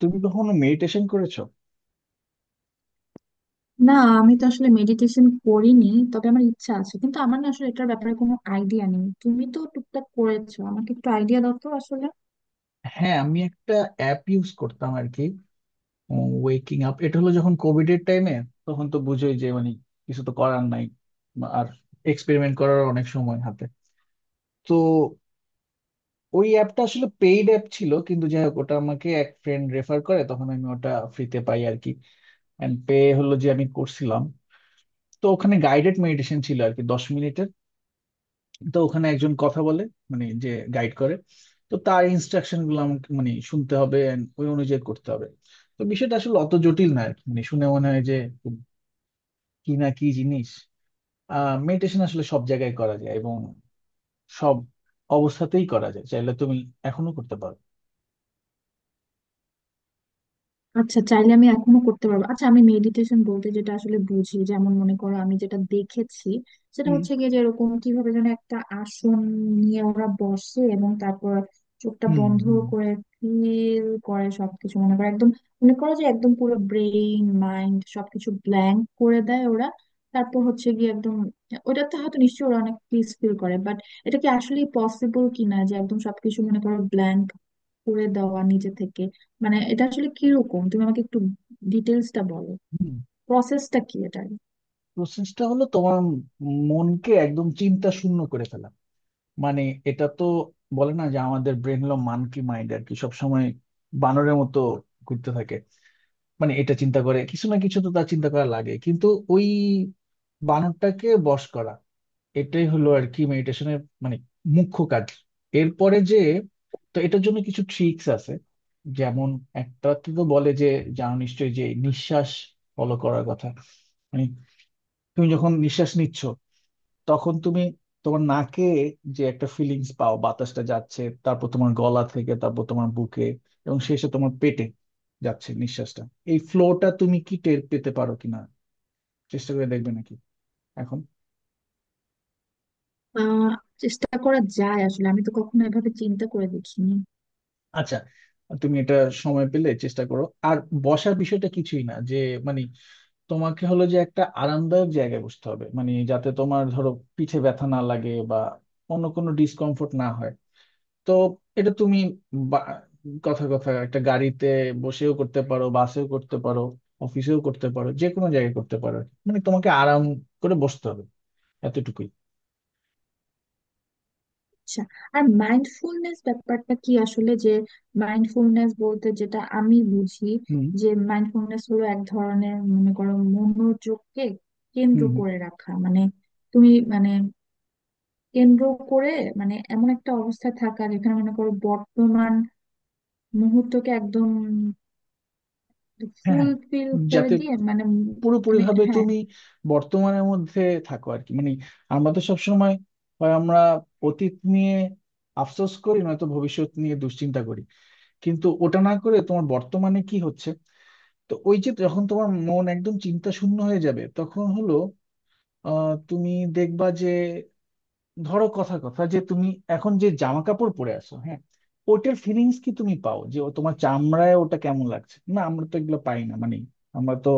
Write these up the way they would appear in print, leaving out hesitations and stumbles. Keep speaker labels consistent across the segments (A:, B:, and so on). A: তুমি কখনো মেডিটেশন করেছো?
B: না, আমি তো আসলে মেডিটেশন করিনি। তবে আমার ইচ্ছা আছে, কিন্তু আমার না আসলে এটার ব্যাপারে কোনো আইডিয়া নেই। তুমি তো টুকটাক করেছো, আমাকে একটু আইডিয়া দাও তো আসলে।
A: হ্যাঁ, আমি একটা অ্যাপ ইউজ করতাম আর কি, ওয়েকিং আপ। এটা হলো যখন কোভিড এর টাইমে, তখন তো বুঝোই যে মানে কিছু তো করার নাই, বা আর এক্সপেরিমেন্ট করার অনেক সময় হাতে। তো ওই অ্যাপটা আসলে পেইড অ্যাপ ছিল, কিন্তু যাই হোক ওটা আমাকে এক ফ্রেন্ড রেফার করে, তখন আমি ওটা ফ্রিতে পাই আর কি। অ্যান্ড পে হলো যে আমি করছিলাম। তো ওখানে গাইডেড মেডিটেশন ছিল আর কি, 10 মিনিটের। তো ওখানে একজন কথা বলে, মানে যে গাইড করে। তো তার ইনস্ট্রাকশন গুলো আমাকে মানে শুনতে হবে and ওই অনুযায়ী করতে হবে। তো বিষয়টা আসলে অত জটিল না আর কি। মানে শুনে মনে হয় যে খুব কি না কি জিনিস। মেডিটেশন আসলে সব জায়গায় করা যায় এবং সব অবস্থাতেই করা যায়, চাইলে তুমি এখনো করতে পারো।
B: আচ্ছা, চাইলে আমি এখনো করতে পারবো? আচ্ছা, আমি মেডিটেশন বলতে যেটা আসলে বুঝি, যেমন মনে করো, আমি যেটা দেখেছি সেটা
A: হুম।
B: হচ্ছে গিয়ে যে এরকম কিভাবে যেন একটা আসন নিয়ে ওরা বসে এবং তারপর চোখটা
A: হুম।
B: বন্ধ
A: হুম।
B: করে ফিল করে সবকিছু। মনে করো একদম, মনে করো যে একদম পুরো ব্রেইন মাইন্ড সবকিছু ব্ল্যাঙ্ক করে দেয় ওরা। তারপর হচ্ছে গিয়ে একদম ওটাতে হয়তো নিশ্চয়ই ওরা অনেক পিস ফিল করে, বাট এটা কি আসলে পসিবল কিনা যে একদম সবকিছু মনে করো ব্ল্যাঙ্ক করে দেওয়া নিজে থেকে? মানে এটা আসলে কিরকম, তুমি আমাকে একটু ডিটেলসটা বলো।
A: হুম।
B: প্রসেসটা কি এটার?
A: প্রসেসটা হলো তোমার মনকে একদম চিন্তা শূন্য করে ফেলা। মানে এটা তো বলে না যে আমাদের ব্রেন হলো মানকি মাইন্ড আর কি, সবসময় বানরের মতো ঘুরতে থাকে। মানে এটা চিন্তা করে কিছু না কিছু, তো তার চিন্তা করা লাগে, কিন্তু ওই বানরটাকে বশ করা, এটাই হলো আর কি মেডিটেশনের মানে মুখ্য কাজ। এরপরে যে, তো এটার জন্য কিছু ট্রিক্স আছে। যেমন একটা তো বলে যে, জানো নিশ্চয়ই যে নিঃশ্বাস ফলো করার কথা। মানে তুমি যখন নিঃশ্বাস নিচ্ছ, তখন তুমি তোমার নাকে যে একটা ফিলিংস পাও, বাতাসটা যাচ্ছে, তারপর তোমার গলা থেকে, তারপর তোমার বুকে এবং শেষে তোমার পেটে যাচ্ছে নিঃশ্বাসটা। এই ফ্লোটা তুমি কি টের পেতে পারো কিনা? চেষ্টা করে দেখবে নাকি এখন?
B: আহ চেষ্টা করা যায় আসলে, আমি তো কখনো এভাবে চিন্তা করে দেখিনি।
A: আচ্ছা, তুমি এটা সময় পেলে চেষ্টা করো। আর বসার বিষয়টা কিছুই না, যে মানে তোমাকে হলো যে একটা আরামদায়ক জায়গায় বসতে হবে, মানে যাতে তোমার ধরো পিঠে ব্যথা না লাগে বা অন্য কোনো ডিসকমফোর্ট না হয়। তো এটা তুমি বা- কথা কথা একটা গাড়িতে বসেও করতে পারো, বাসেও করতে পারো, অফিসেও করতে পারো, যে কোনো জায়গায় করতে পারো। মানে তোমাকে আরাম করে বসতে হবে, এতটুকুই।
B: আচ্ছা, আর মাইন্ডফুলনেস ব্যাপারটা কি আসলে? যে মাইন্ডফুলনেস বলতে যেটা আমি বুঝি,
A: হুম।
B: যে মাইন্ডফুলনেস হলো এক ধরনের মনে করো মনোযোগকে কেন্দ্র
A: হুম। হুম।
B: করে রাখা। মানে তুমি মানে কেন্দ্র করে, মানে এমন একটা অবস্থায় থাকা যেখানে মনে করো বর্তমান মুহূর্তকে একদম
A: হ্যাঁ, হ্যাঁ।
B: ফুলফিল করে
A: যাতে
B: দিয়ে, মানে
A: পুরোপুরি
B: মানে
A: ভাবে
B: হ্যাঁ।
A: তুমি বর্তমানের মধ্যে থাকো আর কি। মানে আমরা তো সবসময় হয় আমরা অতীত নিয়ে আফসোস করি, নয়তো ভবিষ্যৎ নিয়ে দুশ্চিন্তা করি। কিন্তু ওটা না করে তোমার বর্তমানে কি হচ্ছে। তো ওই যে যখন তোমার মন একদম চিন্তা শূন্য হয়ে যাবে তখন হলো, তুমি দেখবা যে, ধরো কথা কথা যে তুমি এখন যে জামা কাপড় পরে আছো, হ্যাঁ, ওটার ফিলিংস কি তুমি পাও যে ও তোমার চামড়ায় ওটা কেমন লাগছে? না, আমরা তো এগুলো পাই না। মানে আমরা তো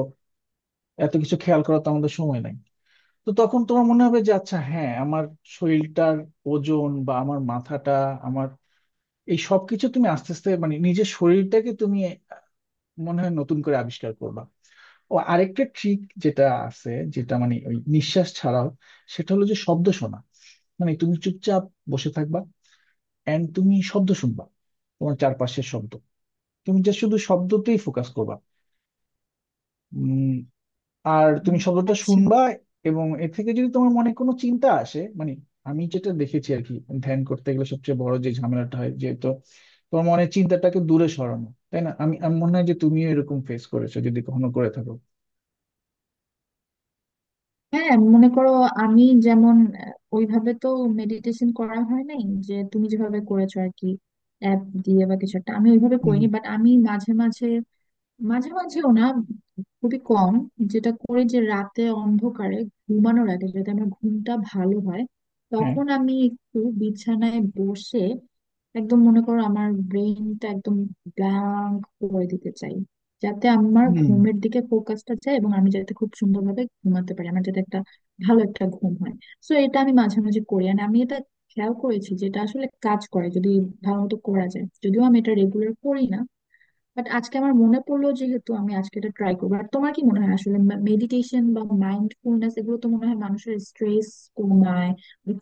A: এত কিছু খেয়াল করার তো আমাদের সময় নাই। তো তখন তোমার মনে হবে যে আচ্ছা হ্যাঁ আমার শরীরটার ওজন বা আমার মাথাটা, আমার এই সবকিছু তুমি আস্তে আস্তে, মানে নিজের শরীরটাকে তুমি মনে হয় নতুন করে আবিষ্কার করবা। ও, আরেকটা ট্রিক যেটা আছে, যেটা মানে ওই নিঃশ্বাস ছাড়াও, সেটা হলো যে শব্দ শোনা। মানে তুমি চুপচাপ বসে থাকবা এন্ড তুমি শব্দ শুনবা, তোমার চারপাশের শব্দ। তুমি যা শুধু শব্দতেই ফোকাস করবা। উম, আর তুমি
B: উম,
A: শব্দটা
B: আচ্ছা।
A: শুনবা। এবং এ থেকে যদি তোমার মনে কোনো চিন্তা আসে, মানে আমি যেটা দেখেছি আর কি, ধ্যান করতে গেলে সবচেয়ে বড় যে ঝামেলাটা হয় যেহেতু তোমার মনে চিন্তাটাকে দূরে সরানো, তাই না? আমি আমি মনে হয় যে তুমিও এরকম ফেস করেছো যদি কখনো করে থাকো।
B: হ্যাঁ, মনে করো, আমি যেমন ওইভাবে তো মেডিটেশন করা হয় নাই, যে তুমি যেভাবে করেছো আর কি, অ্যাপ দিয়ে বা কিছু একটা, আমি ওইভাবে
A: হুম।
B: করিনি। বাট আমি মাঝে মাঝে, মাঝে মাঝেও না, খুবই কম যেটা করি, যে রাতে অন্ধকারে ঘুমানোর আগে যদি আমার ঘুমটা ভালো হয়,
A: হ্যাঁ।
B: তখন আমি একটু বিছানায় বসে একদম মনে করো আমার ব্রেনটা একদম ব্ল্যাঙ্ক করে দিতে চাই, যাতে আমার
A: হুম।
B: ঘুমের দিকে ফোকাসটা যায় এবং আমি যাতে খুব সুন্দরভাবে ঘুমাতে পারি, আমার যাতে একটা ভালো একটা ঘুম হয়। সো এটা আমি মাঝে মাঝে করি, আর আমি এটা খেয়াল করেছি, যেটা আসলে কাজ করে যদি ভালো মতো করা যায়, যদিও আমি এটা রেগুলার করি না। বাট আজকে আমার মনে পড়লো, যেহেতু, আমি আজকে এটা ট্রাই করবো। আর তোমার কি মনে হয় আসলে মেডিটেশন বা মাইন্ডফুলনেস এগুলো তো মনে হয় মানুষের স্ট্রেস কমায়,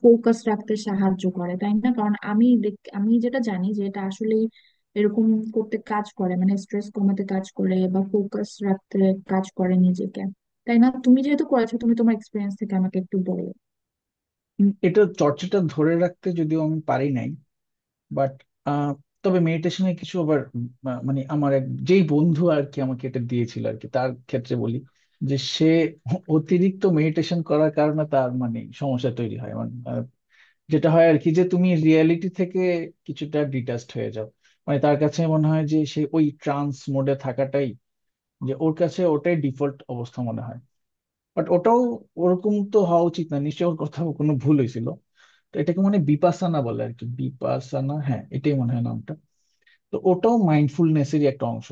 B: ফোকাস রাখতে সাহায্য করে, তাই না? কারণ আমি যেটা জানি যে এটা আসলে এরকম করতে কাজ করে, মানে স্ট্রেস কমাতে কাজ করে বা ফোকাস রাখতে কাজ করে নিজেকে, তাই না? তুমি যেহেতু করেছো, তুমি তোমার এক্সপিরিয়েন্স থেকে আমাকে একটু বলো।
A: এটা চর্চাটা ধরে রাখতে যদিও আমি পারি নাই, বাট তবে মেডিটেশনের কিছু আবার মানে আমার এক যেই বন্ধু আর কি আমাকে এটা দিয়েছিল আর কি, তার ক্ষেত্রে বলি। যে সে অতিরিক্ত মেডিটেশন করার কারণে তার মানে সমস্যা তৈরি হয়। মানে যেটা হয় আর কি, যে তুমি রিয়েলিটি থেকে কিছুটা ডিটাচড হয়ে যাও। মানে তার কাছে মনে হয় যে সে ওই ট্রান্স মোডে থাকাটাই, যে ওর কাছে ওটাই ডিফল্ট অবস্থা মনে হয়। বাট ওটাও ওরকম তো হওয়া উচিত না, নিশ্চয়ই ওর কোথাও কোনো ভুল হয়েছিল। তো এটাকে মানে বিপাসানা বলে আর কি, বিপাসানা, হ্যাঁ এটাই মনে হয় নামটা। তো ওটাও মাইন্ডফুলনেসেরই একটা অংশ।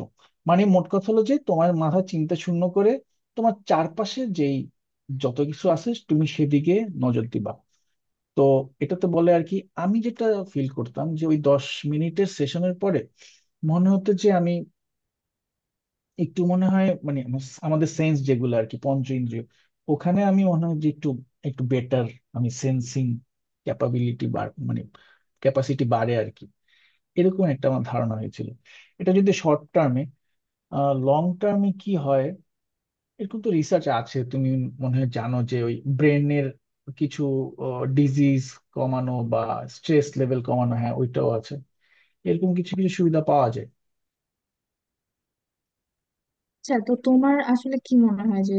A: মানে মোট কথা হলো যে তোমার মাথা চিন্তা শূন্য করে তোমার চারপাশে যেই যত কিছু আছে তুমি সেদিকে নজর দিবা। তো এটাতে বলে আর কি, আমি যেটা ফিল করতাম যে ওই 10 মিনিটের সেশনের পরে মনে হতো যে আমি একটু মনে হয় মানে আমাদের সেন্স যেগুলো আর কি, পঞ্চ ইন্দ্রিয়, ওখানে আমি মনে হয় যে একটু একটু বেটার, আমি সেন্সিং ক্যাপাবিলিটি মানে ক্যাপাসিটি বাড়ে আর কি, এরকম একটা আমার ধারণা হয়েছিল। এটা যদি শর্ট টার্মে, লং টার্মে কি হয়, এরকম তো রিসার্চ আছে, তুমি মনে হয় জানো, যে ওই ব্রেনের কিছু ডিজিজ কমানো বা স্ট্রেস লেভেল কমানো, হ্যাঁ ওইটাও আছে। এরকম কিছু কিছু সুবিধা পাওয়া যায়।
B: আচ্ছা, তো তোমার আসলে কি মনে হয় যে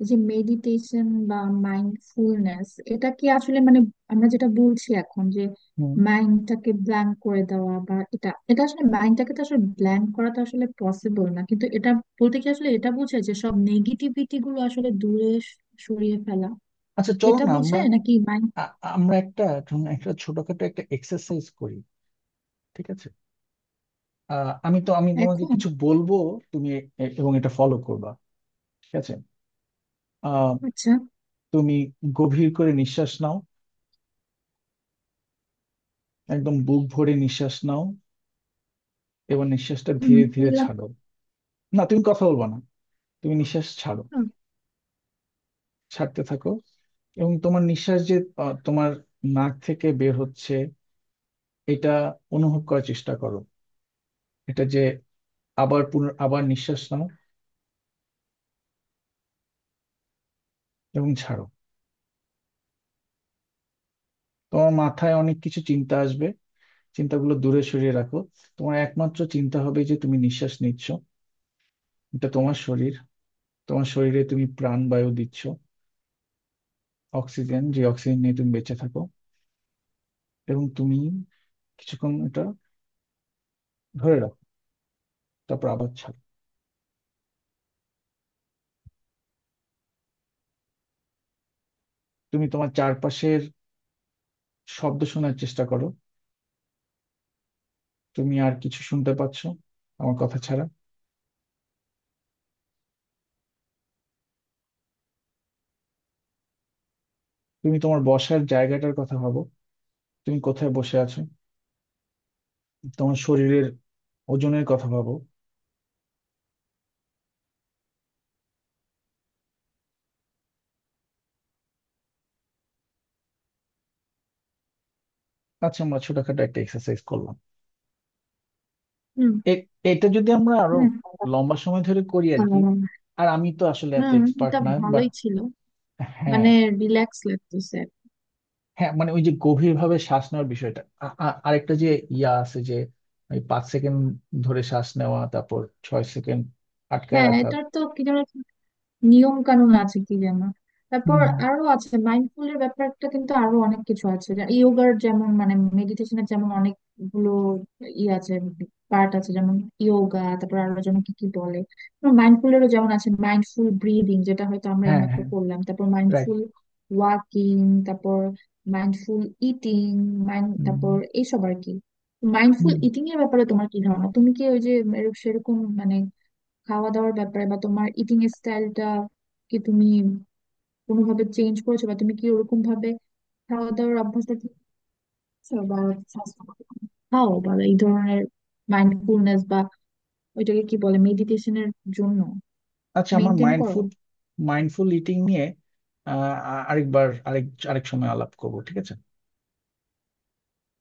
B: এই যে মেডিটেশন বা মাইন্ডফুলনেস, এটা কি আসলে মানে আমরা যেটা বলছি এখন যে
A: হুম।
B: মাইন্ডটাকে ব্ল্যাঙ্ক করে দেওয়া, বা এটা এটা আসলে মাইন্ডটাকে তো আসলে ব্ল্যাঙ্ক করা তো আসলে পসিবল না, কিন্তু এটা বলতে কি আসলে এটা বোঝায় যে সব নেগেটিভিটি গুলো আসলে দূরে সরিয়ে ফেলা,
A: আচ্ছা, চলো
B: এটা
A: না আমরা
B: বোঝায় নাকি মাইন্ড?
A: আ- আমরা একটা, ধরুন একটা ছোটখাটো একটা এক্সারসাইজ করি, ঠিক আছে? আমি তোমাকে
B: এখন?
A: কিছু বলবো, তুমি এবং এটা ফলো করবা, ঠিক আছে? আহ,
B: আচ্ছা।
A: তুমি গভীর করে নিঃশ্বাস নাও, একদম বুক ভরে নিঃশ্বাস নাও, এবং নিঃশ্বাসটা
B: হুম,
A: ধীরে ধীরে
B: বুঝলাম।
A: ছাড়ো। না, তুমি কথা বলবা না, তুমি নিঃশ্বাস ছাড়ো।
B: হুম।
A: ছাড়তে থাকো। এবং তোমার নিঃশ্বাস যে তোমার নাক থেকে বের হচ্ছে এটা অনুভব করার চেষ্টা করো। এটা যে, আবার আবার নিঃশ্বাস নাও এবং ছাড়ো। তোমার মাথায় অনেক কিছু চিন্তা আসবে, চিন্তাগুলো দূরে সরিয়ে রাখো। তোমার একমাত্র চিন্তা হবে যে তুমি নিঃশ্বাস নিচ্ছ, এটা তোমার শরীর, তোমার শরীরে তুমি প্রাণবায়ু দিচ্ছ, অক্সিজেন, যে অক্সিজেন নিয়ে তুমি বেঁচে থাকো। এবং তুমি কিছুক্ষণ এটা ধরে রাখো, তারপর আবার ছাড়ো। তুমি তোমার চারপাশের শব্দ শোনার চেষ্টা করো। তুমি আর কিছু শুনতে পাচ্ছ আমার কথা ছাড়া? তুমি তোমার বসার জায়গাটার কথা ভাবো, তুমি কোথায় বসে আছো, তোমার শরীরের ওজনের কথা ভাবো। আচ্ছা, আমরা ছোটখাটো একটা এক্সারসাইজ করলাম।
B: হুম।
A: এ- এটা যদি আমরা আরো
B: হুম।
A: লম্বা সময় ধরে করি আর কি,
B: আহ,
A: আর আমি তো আসলে এত
B: হুম,
A: এক্সপার্ট
B: এটা
A: না বাট।
B: ভালোই ছিল।
A: হ্যাঁ,
B: মানে রিল্যাক্স লাগতেছে।
A: হ্যাঁ, মানে ওই যে গভীর ভাবে শ্বাস নেওয়ার বিষয়টা, আরেকটা যে ইয়া আছে যে, ওই 5 সেকেন্ড ধরে শ্বাস নেওয়া, তারপর 6 সেকেন্ড আটকায়
B: হ্যাঁ,
A: রাখা।
B: এটার তো কি যেন নিয়ম কানুন আছে কি যেন। তারপর
A: হুম।
B: আরো আছে, মাইন্ডফুল এর ব্যাপারটা কিন্তু আরো অনেক কিছু আছে। ইয়োগার যেমন, মানে মেডিটেশনের যেমন অনেকগুলো ই আছে, পার্ট আছে, যেমন ইয়োগা, তারপর আরো যেন কি কি বলে। মাইন্ডফুল এরও যেমন আছে মাইন্ডফুল ব্রিদিং, যেটা হয়তো আমরা
A: হ্যাঁ,
B: এইমাত্র
A: হ্যাঁ,
B: করলাম, তারপর
A: রাইট।
B: মাইন্ডফুল ওয়াকিং, তারপর মাইন্ডফুল ইটিং, মাইন্ড,
A: হুম।
B: তারপর এইসব আর কি। মাইন্ডফুল
A: হুম।
B: ইটিং এর ব্যাপারে তোমার কি ধারণা? তুমি কি ওই যে সেরকম মানে খাওয়া দাওয়ার ব্যাপারে বা তোমার ইটিং স্টাইলটা কি তুমি কোনোভাবে চেঞ্জ করেছো, বা তুমি কি ওরকম ভাবে খাওয়া দাওয়ার অভ্যাসটা ঠিক করছো, বা স্বাস্থ্যকর খাও, বা এই ধরনের মাইন্ডফুলনেস বা ওইটাকে কি বলে, মেডিটেশনের জন্য
A: আচ্ছা, আমার
B: মেনটেন করো?
A: মাইন্ডফুল, মাইন্ডফুল ইটিং নিয়ে আরেকবার, আরেক আরেক সময় আলাপ করবো, ঠিক আছে।